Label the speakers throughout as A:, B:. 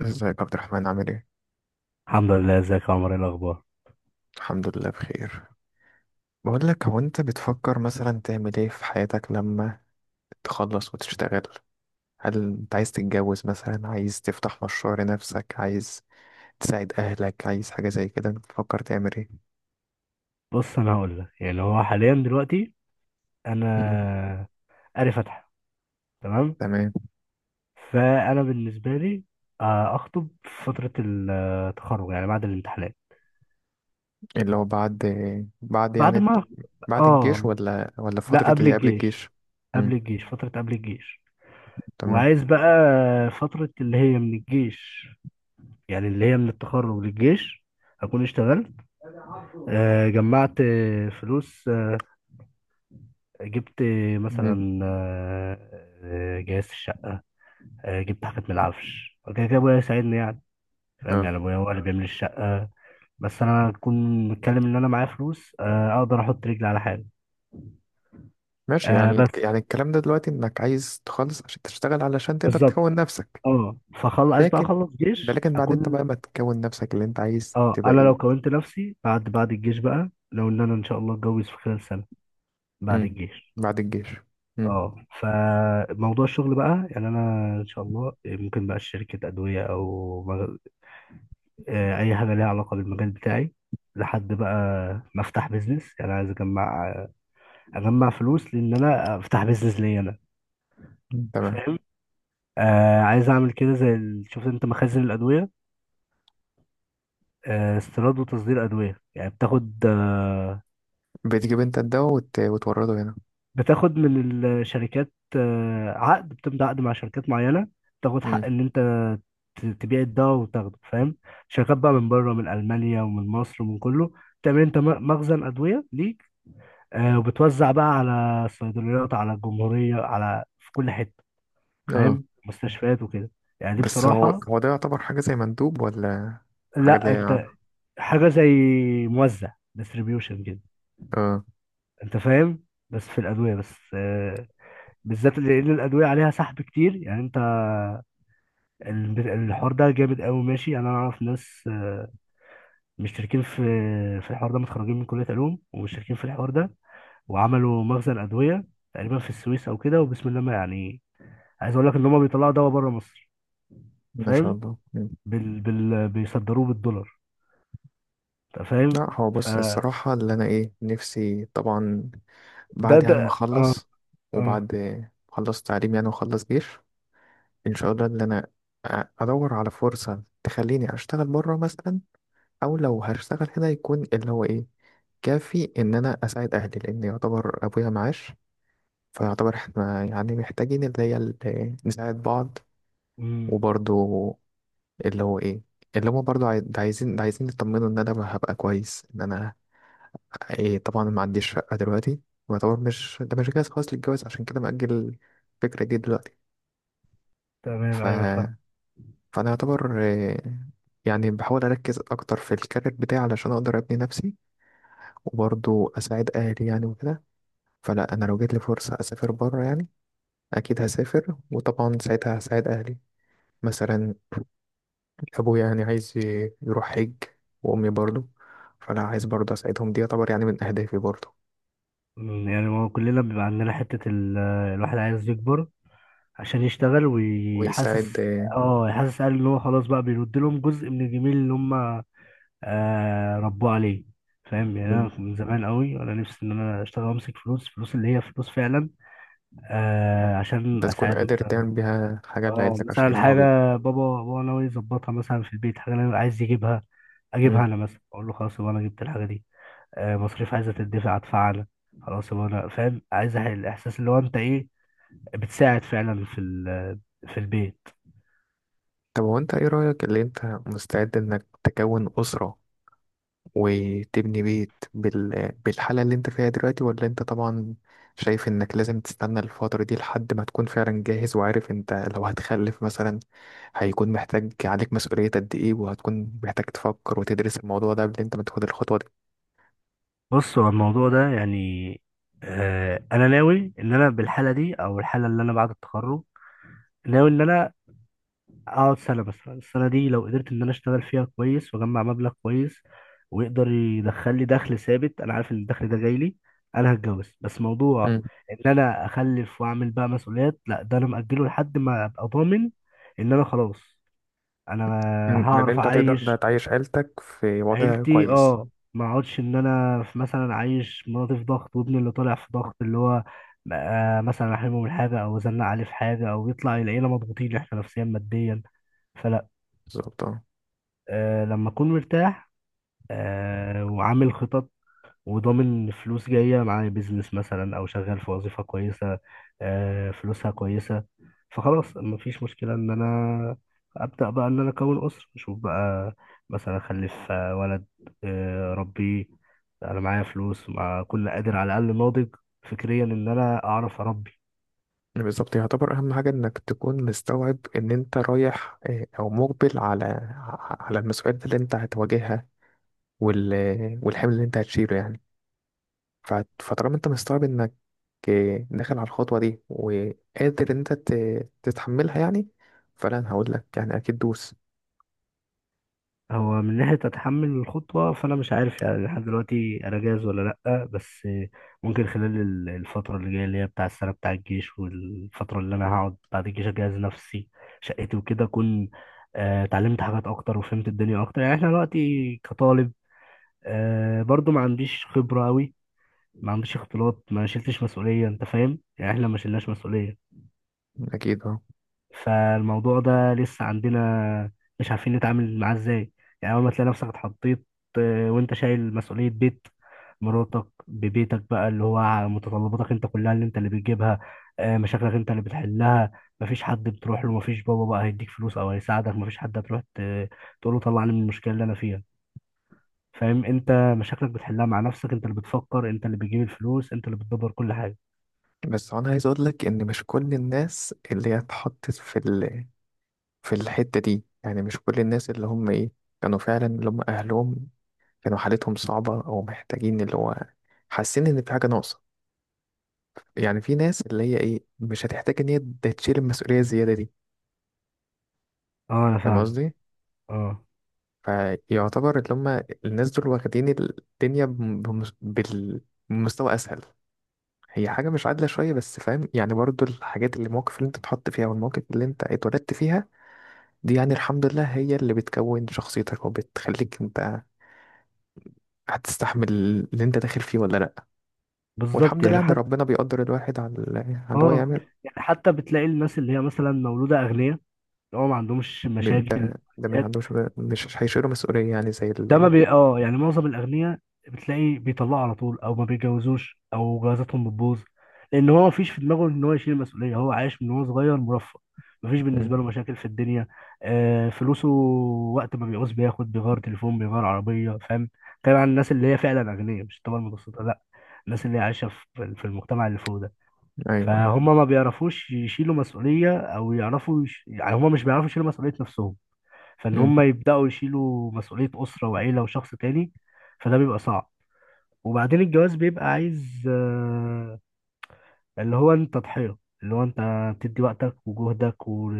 A: ازيك يا عبد الرحمن، عامل ايه؟
B: الحمد لله. ازيك يا عمر؟ ايه الاخبار؟
A: الحمد لله بخير. بقول لك، هو انت بتفكر مثلا تعمل ايه في حياتك لما تخلص وتشتغل؟ هل انت عايز تتجوز مثلا، عايز تفتح مشروع لنفسك، عايز تساعد اهلك، عايز حاجة زي كده؟ انت بتفكر تعمل ايه؟
B: بص، انا هقول لك، يعني هو حاليا دلوقتي
A: مم.
B: انا قاري فاتحه. تمام.
A: تمام.
B: فانا بالنسبه لي اخطب في فتره التخرج، يعني بعد الامتحانات.
A: اللي هو بعد، بعد يعني
B: بعد
A: ال-
B: ما
A: بعد
B: اه
A: الجيش، ولا
B: لا،
A: فترة
B: قبل
A: اللي قبل
B: الجيش.
A: الجيش؟
B: قبل
A: امم.
B: الجيش، فتره قبل الجيش.
A: تمام.
B: وعايز بقى فتره اللي هي من الجيش، يعني اللي هي من التخرج للجيش اكون اشتغلت، جمعت فلوس، جبت
A: امم.
B: مثلا جهاز الشقه، جبت حاجات من العفش وكده كده ابويا يساعدني يعني. فاهم؟
A: اه،
B: يعني ابويا هو اللي بيعمل الشقه، بس انا اكون متكلم ان انا معايا فلوس، اقدر احط رجلي على حاجه.
A: ماشي، يعني
B: بس
A: الكلام ده دلوقتي انك عايز تخلص عشان تشتغل، علشان تقدر
B: بالظبط.
A: تكون نفسك.
B: اه، فخلص بقى،
A: لكن
B: اخلص
A: ده
B: جيش
A: لكن بعد، انت بقى
B: اكون.
A: ما تكون نفسك اللي انت عايز
B: اه،
A: تبقى
B: انا لو
A: ايه؟
B: كونت نفسي بعد الجيش بقى، لو ان انا ان شاء الله اتجوز في خلال سنه بعد
A: امم.
B: الجيش.
A: بعد الجيش. امم.
B: اه، فموضوع الشغل بقى يعني انا ان شاء الله ممكن بقى شركه ادويه او اي حاجه ليها علاقه بالمجال بتاعي، لحد بقى ما افتح بيزنس. يعني عايز اجمع فلوس، لان انا افتح بيزنس ليا انا.
A: مم. تمام.
B: فاهم؟ آه، عايز اعمل كده زي شفت انت مخازن الادويه، آه، استيراد وتصدير ادويه. يعني بتاخد آه،
A: بتجيب انت الدواء وتورده هنا؟
B: بتاخد من الشركات آه، عقد، بتمضي عقد مع شركات معينه. بتاخد حق
A: امم.
B: ان انت تبيع الدواء وتاخده. فاهم؟ شركات بقى من بره، من المانيا ومن مصر ومن كله. تعمل انت مخزن ادويه ليك، آه، وبتوزع بقى على الصيدليات، على الجمهورية، على في كل حتة.
A: اه.
B: فاهم؟ مستشفيات وكده. يعني دي
A: بس هو
B: بصراحة.
A: هو ده يعتبر حاجة زي مندوب، ولا حاجة اللي
B: لا
A: هي يعني.
B: انت، حاجة زي موزع، ديستريبيوشن كده.
A: اه،
B: انت فاهم؟ بس في الأدوية بس، بالذات، لأن الأدوية عليها سحب كتير. يعني انت الحوار ده جامد قوي. ماشي؟ يعني انا اعرف ناس مشتركين في الحوار ده، متخرجين من كلية علوم ومشتركين في الحوار ده، وعملوا مخزن أدوية تقريبا في السويس او كده، وبسم الله ما يعني. عايز اقول لك ان هم بيطلعوا دواء بره مصر.
A: ما شاء
B: فاهم؟
A: الله. مم.
B: بيصدروه بالدولار. انت فاهم؟
A: لا، هو بص،
B: فده
A: الصراحة اللي انا ايه نفسي طبعا
B: ده
A: بعد يعني ما
B: اه،
A: اخلص،
B: اه،
A: وبعد ما اخلص تعليم يعني واخلص جيش، ان شاء الله اللي انا ادور على فرصة تخليني اشتغل بره مثلا، او لو هشتغل هنا يكون اللي هو ايه كافي ان انا اساعد اهلي، لان يعتبر ابويا معاش، فيعتبر احنا يعني محتاجين اللي هي نساعد بعض.
B: امم،
A: وبرضو اللي هو ايه، اللي هما برضو ده عايزين يطمنوا ان انا هبقى كويس، ان انا ايه طبعا ما عنديش شقة دلوقتي، ويعتبر مش جاهز خالص للجواز، عشان كده مأجل الفكرة دي دلوقتي.
B: تمام،
A: ف...
B: ايوه، فاهم.
A: فانا يعتبر إيه، يعني بحاول اركز اكتر في الكارير بتاعي علشان اقدر ابني نفسي، وبرضو اساعد اهلي يعني وكده. فلا، انا لو جات لي فرصه اسافر بره يعني اكيد هسافر، وطبعا ساعتها هساعد اهلي. مثلا ابويا يعني عايز يروح حج، وامي برضو. فانا عايز برضو اساعدهم، دي يعتبر يعني من اهدافي برضو.
B: أمم، يعني هو كلنا بيبقى عندنا حتة الواحد عايز يكبر عشان يشتغل ويحسس.
A: ويساعد
B: اه، يحسس، قال ان هو خلاص بقى بيرد لهم جزء من الجميل اللي هم ربوه عليه. فاهم؟ يعني انا
A: مم،
B: من زمان قوي وانا نفسي ان انا اشتغل وامسك فلوس، فلوس اللي هي فلوس فعلا، آه، عشان
A: انت تكون
B: اساعد
A: قادر
B: مثلا.
A: تعمل بيها حاجه
B: اه،
A: لعيلتك عشان
B: مثلا
A: يفرحوا بيك.
B: حاجة بابا هو ناوي يظبطها مثلا في البيت، حاجة أنا عايز يجيبها أجيبها
A: مم.
B: أنا، مثلا أقول له خلاص يبقى أنا جبت الحاجة دي. آه، مصاريف عايزة تدفع، أدفع أنا. خلاص، يبقى أنا فاهم. عايز الإحساس اللي هو أنت إيه، بتساعد فعلا في في البيت.
A: طب هو انت ايه رايك، اللي انت مستعد انك تكون اسره وتبني بيت بالحالة اللي انت فيها دلوقتي، ولا انت طبعا شايف انك لازم تستنى الفترة دي لحد ما تكون فعلا جاهز، وعارف انت لو هتخلف مثلا هيكون محتاج عليك مسؤولية قد ايه، وهتكون محتاج تفكر وتدرس الموضوع ده قبل انت ما تاخد الخطوة دي؟
B: بص، هو الموضوع ده يعني، آه، أنا ناوي إن أنا بالحالة دي، أو الحالة اللي أنا بعد التخرج، ناوي إن أنا اقعد سنه بس. السنه دي لو قدرت ان انا اشتغل فيها كويس واجمع مبلغ كويس ويقدر يدخل لي دخل ثابت، انا عارف ان الدخل ده جاي لي، انا هتجوز. بس موضوع
A: مم.
B: ان انا اخلف واعمل بقى مسؤوليات، لا، ده انا مأجله لحد ما ابقى ضامن ان انا خلاص. انا
A: لأن
B: هعرف
A: أنت هتقدر ده
B: اعيش
A: تعيش عيلتك في وضع
B: عيلتي.
A: كويس.
B: اه، ما اقعدش ان انا في مثلا عايش مراتي في ضغط، وابني اللي طالع في ضغط، اللي هو مثلا احرمه من حاجه او ازنق عليه في حاجه، او يطلع العيله مضغوطين احنا نفسيا ماديا. فلا.
A: بالظبط اه.
B: أه، لما أكون مرتاح، أه وعامل خطط، وضامن فلوس جاية معايا، بيزنس مثلا أو شغال في وظيفة كويسة، أه فلوسها كويسة. فخلاص مفيش مشكلة إن أنا أبدأ بقى إن أنا أكون أسرة، أشوف بقى مثلا أخلف ولد، أه ربيه. أنا معايا فلوس، مع كل قادر، على الأقل ناضج فكريا إن أنا أعرف أربي.
A: بالظبط، يعتبر أهم حاجة إنك تكون مستوعب إن أنت رايح أو مقبل على على المسؤوليات اللي أنت هتواجهها وال... والحمل اللي انت هتشيله يعني. ف- فطالما انت مستوعب انك إيه، داخل على الخطوة دي وقادر ان انت تتحملها يعني، فلا انا هقول لك يعني اكيد دوس.
B: هو من ناحية أتحمل الخطوة، فأنا مش عارف يعني، لحد دلوقتي أنا جاهز ولا لأ، بس ممكن خلال الفترة اللي جاية اللي هي بتاع السنة بتاع الجيش، والفترة اللي أنا هقعد بعد الجيش، أجهز نفسي، شقتي وكده، أكون اتعلمت حاجات أكتر وفهمت الدنيا أكتر. يعني إحنا دلوقتي كطالب، برضو ما عنديش خبرة أوي، ما عنديش اختلاط، ما شلتش مسؤولية. أنت فاهم يعني؟ إحنا ما شلناش مسؤولية،
A: اكيد اه.
B: فالموضوع ده لسه عندنا مش عارفين نتعامل معاه ازاي. يعني اول ما تلاقي نفسك اتحطيت وانت شايل مسؤولية بيت، مراتك ببيتك بقى، اللي هو على متطلباتك انت كلها اللي انت اللي بتجيبها، مشاكلك انت اللي بتحلها، مفيش حد بتروح له، مفيش بابا بقى هيديك فلوس او هيساعدك، مفيش حد هتروح تقول له طلعني من المشكلة اللي انا فيها. فاهم انت؟ مشاكلك بتحلها مع نفسك، انت اللي بتفكر، انت اللي بتجيب الفلوس، انت اللي بتدبر كل حاجة.
A: بس انا عايز اقول لك ان مش كل الناس اللي هي اتحطت في في الحتة دي، يعني مش كل الناس اللي هم ايه كانوا فعلا اللي هم اهلهم كانوا حالتهم صعبة، او محتاجين اللي هو حاسين ان في حاجة ناقصة. يعني في ناس اللي هي ايه مش هتحتاج ان هي تشيل المسؤولية الزيادة دي.
B: اه، انا
A: فاهم
B: فاهم.
A: قصدي؟
B: اه
A: فيعتبر اللي هم الناس دول واخدين الدنيا بمستوى أسهل. هي حاجة مش عادلة شوية، بس فاهم يعني، برضو الحاجات اللي المواقف اللي انت اتحط فيها والمواقف اللي انت اتولدت فيها دي يعني الحمد لله هي اللي بتكون شخصيتك وبتخليك انت هتستحمل اللي انت داخل فيه ولا لأ.
B: بالظبط
A: والحمد لله
B: يعني
A: ان
B: حتى.
A: ربنا بيقدر الواحد على على اللي هو
B: اه
A: يعمل.
B: يعني حتى بتلاقي الناس اللي هي مثلا مولودة أغنياء، اللي هو ما عندهمش
A: من
B: مشاكل
A: ده من
B: ماديات.
A: عنده، مش عندوش مش هيشيله مسؤولية يعني زي
B: ده ما
A: اللي.
B: بي اه يعني معظم الأغنياء بتلاقي بيطلعوا على طول، أو ما بيتجوزوش، أو جوازاتهم بتبوظ، لأن هو ما فيش في دماغه إن هو يشيل المسؤولية. هو عايش من وهو صغير مرفه، ما فيش
A: مم.
B: بالنسبة له مشاكل في الدنيا. آه، فلوسه، وقت ما بيعوز بياخد، بيغير تليفون، بيغير عربية. فاهم؟ كلام عن الناس اللي هي فعلا أغنياء، مش الطبقة المتوسطة لا، الناس اللي هي عايشة في المجتمع اللي فوق ده.
A: ايوه.
B: فهم ما بيعرفوش يشيلوا مسؤولية، أو يعرفوا يعني هم مش بيعرفوا يشيلوا مسؤولية نفسهم، فإن
A: مم.
B: هم يبدأوا يشيلوا مسؤولية أسرة وعيلة وشخص تاني، فده بيبقى صعب. وبعدين الجواز بيبقى عايز اللي هو أنت ضحية، اللي هو أنت تدي وقتك وجهدك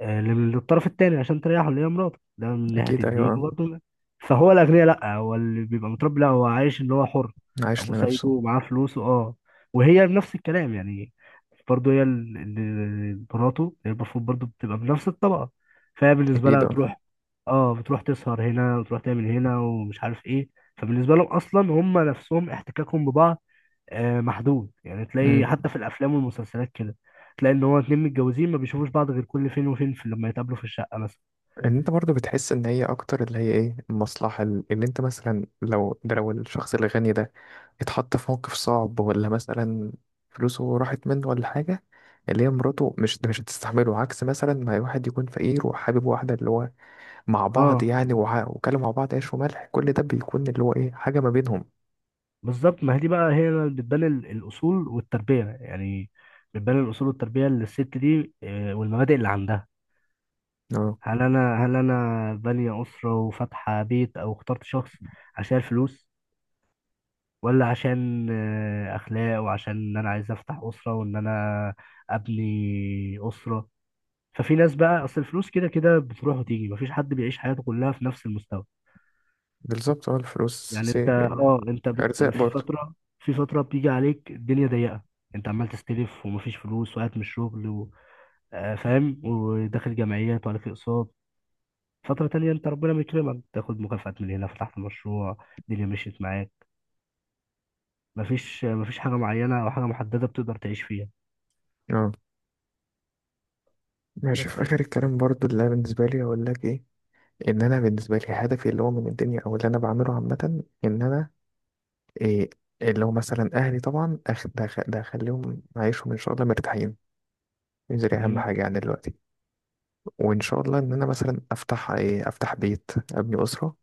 B: للطرف التاني عشان تريحه، اللي هي مراته، ده من ناحية
A: اكيد
B: الدين
A: ايوه.
B: برضه. فهو الأغنياء لأ، هو اللي بيبقى متربي لأ، هو عايش إن هو حر.
A: عايش
B: أبوه سايبه
A: لنفسه.
B: ومعاه فلوسه. أه، وهي بنفس الكلام يعني، برضه هي مراته، هي المفروض برضه بتبقى بنفس الطبقة. فهي بالنسبة
A: اكيد
B: لها
A: اه.
B: بتروح. أه بتروح تسهر هنا وتروح تعمل هنا ومش عارف إيه. فبالنسبة لهم أصلا هم نفسهم احتكاكهم ببعض محدود. يعني
A: مم.
B: تلاقي حتى في الافلام والمسلسلات كده، تلاقي ان هو اتنين متجوزين ما بيشوفوش بعض غير كل فين وفين، في لما يتقابلوا في الشقه مثلا.
A: ان انت برضو بتحس ان هي اكتر اللي هي ايه المصلحة اللي انت مثلا لو لو الشخص الغني ده اتحط في موقف صعب، ولا مثلا فلوسه راحت منه ولا حاجة، اللي هي مراته مش هتستحمله، عكس مثلا ما واحد يكون فقير وحابب واحدة اللي هو مع بعض
B: اه
A: يعني، وكانوا مع بعض عيش وملح، كل ده بيكون اللي هو ايه حاجة ما بينهم.
B: بالظبط. ما هي دي بقى هي اللي بتبان الاصول والتربيه يعني، بتبان الاصول والتربيه للست دي، والمبادئ اللي عندها.
A: اه
B: هل انا بانيه اسره وفاتحه بيت، او اخترت شخص عشان الفلوس، ولا عشان اخلاق، وعشان ان انا عايز افتح اسره وان انا ابني اسره. ففي ناس بقى، اصل الفلوس كده كده بتروح وتيجي، مفيش حد بيعيش حياته كلها في نفس المستوى.
A: بالظبط اه. الفلوس
B: يعني انت اه، انت
A: ارزاق
B: في
A: برضو.
B: فتره، بتيجي عليك الدنيا ضيقه، انت عمال تستلف ومفيش فلوس وقاعد من الشغل فاهم؟ وداخل جمعيات وعليك اقساط. فتره تانية انت ربنا بيكرمك، تاخد مكافآت من هنا، فتحت مشروع، الدنيا مشيت معاك. مفيش حاجه معينه او حاجه محدده بتقدر تعيش فيها.
A: اه ماشي. في
B: بس
A: اخر
B: كده.
A: الكلام برضو، اللي أنا بالنسبة لي اقول لك ايه، ان انا بالنسبه لي هدفي اللي هو من الدنيا او اللي انا بعمله عامه، ان انا إيه اللي هو مثلا اهلي طبعا أخ- ده أخ- ده اخليهم عايشهم ان شاء الله مرتاحين. دي اهم
B: مم.
A: حاجه يعني دلوقتي. وان شاء الله ان انا مثلا افتح بيت، ابني اسره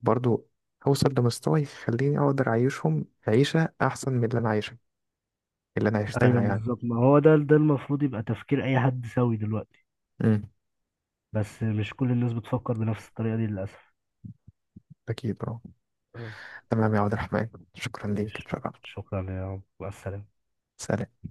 A: برضو، هوصل لمستوى يخليني اقدر اعيشهم عيشه احسن من اللي انا عايشها، اللي انا عشتها
B: ايوه
A: يعني.
B: بالظبط. ما هو ده المفروض يبقى تفكير اي حد سوي دلوقتي،
A: مم.
B: بس مش كل الناس بتفكر بنفس الطريقة دي للأسف.
A: اكيد اه.
B: اه،
A: تمام يا عبد الرحمن، شكرا ليك،
B: ماشي.
A: اتشرفت.
B: شكرا يا عم، مع السلامة.
A: سلام.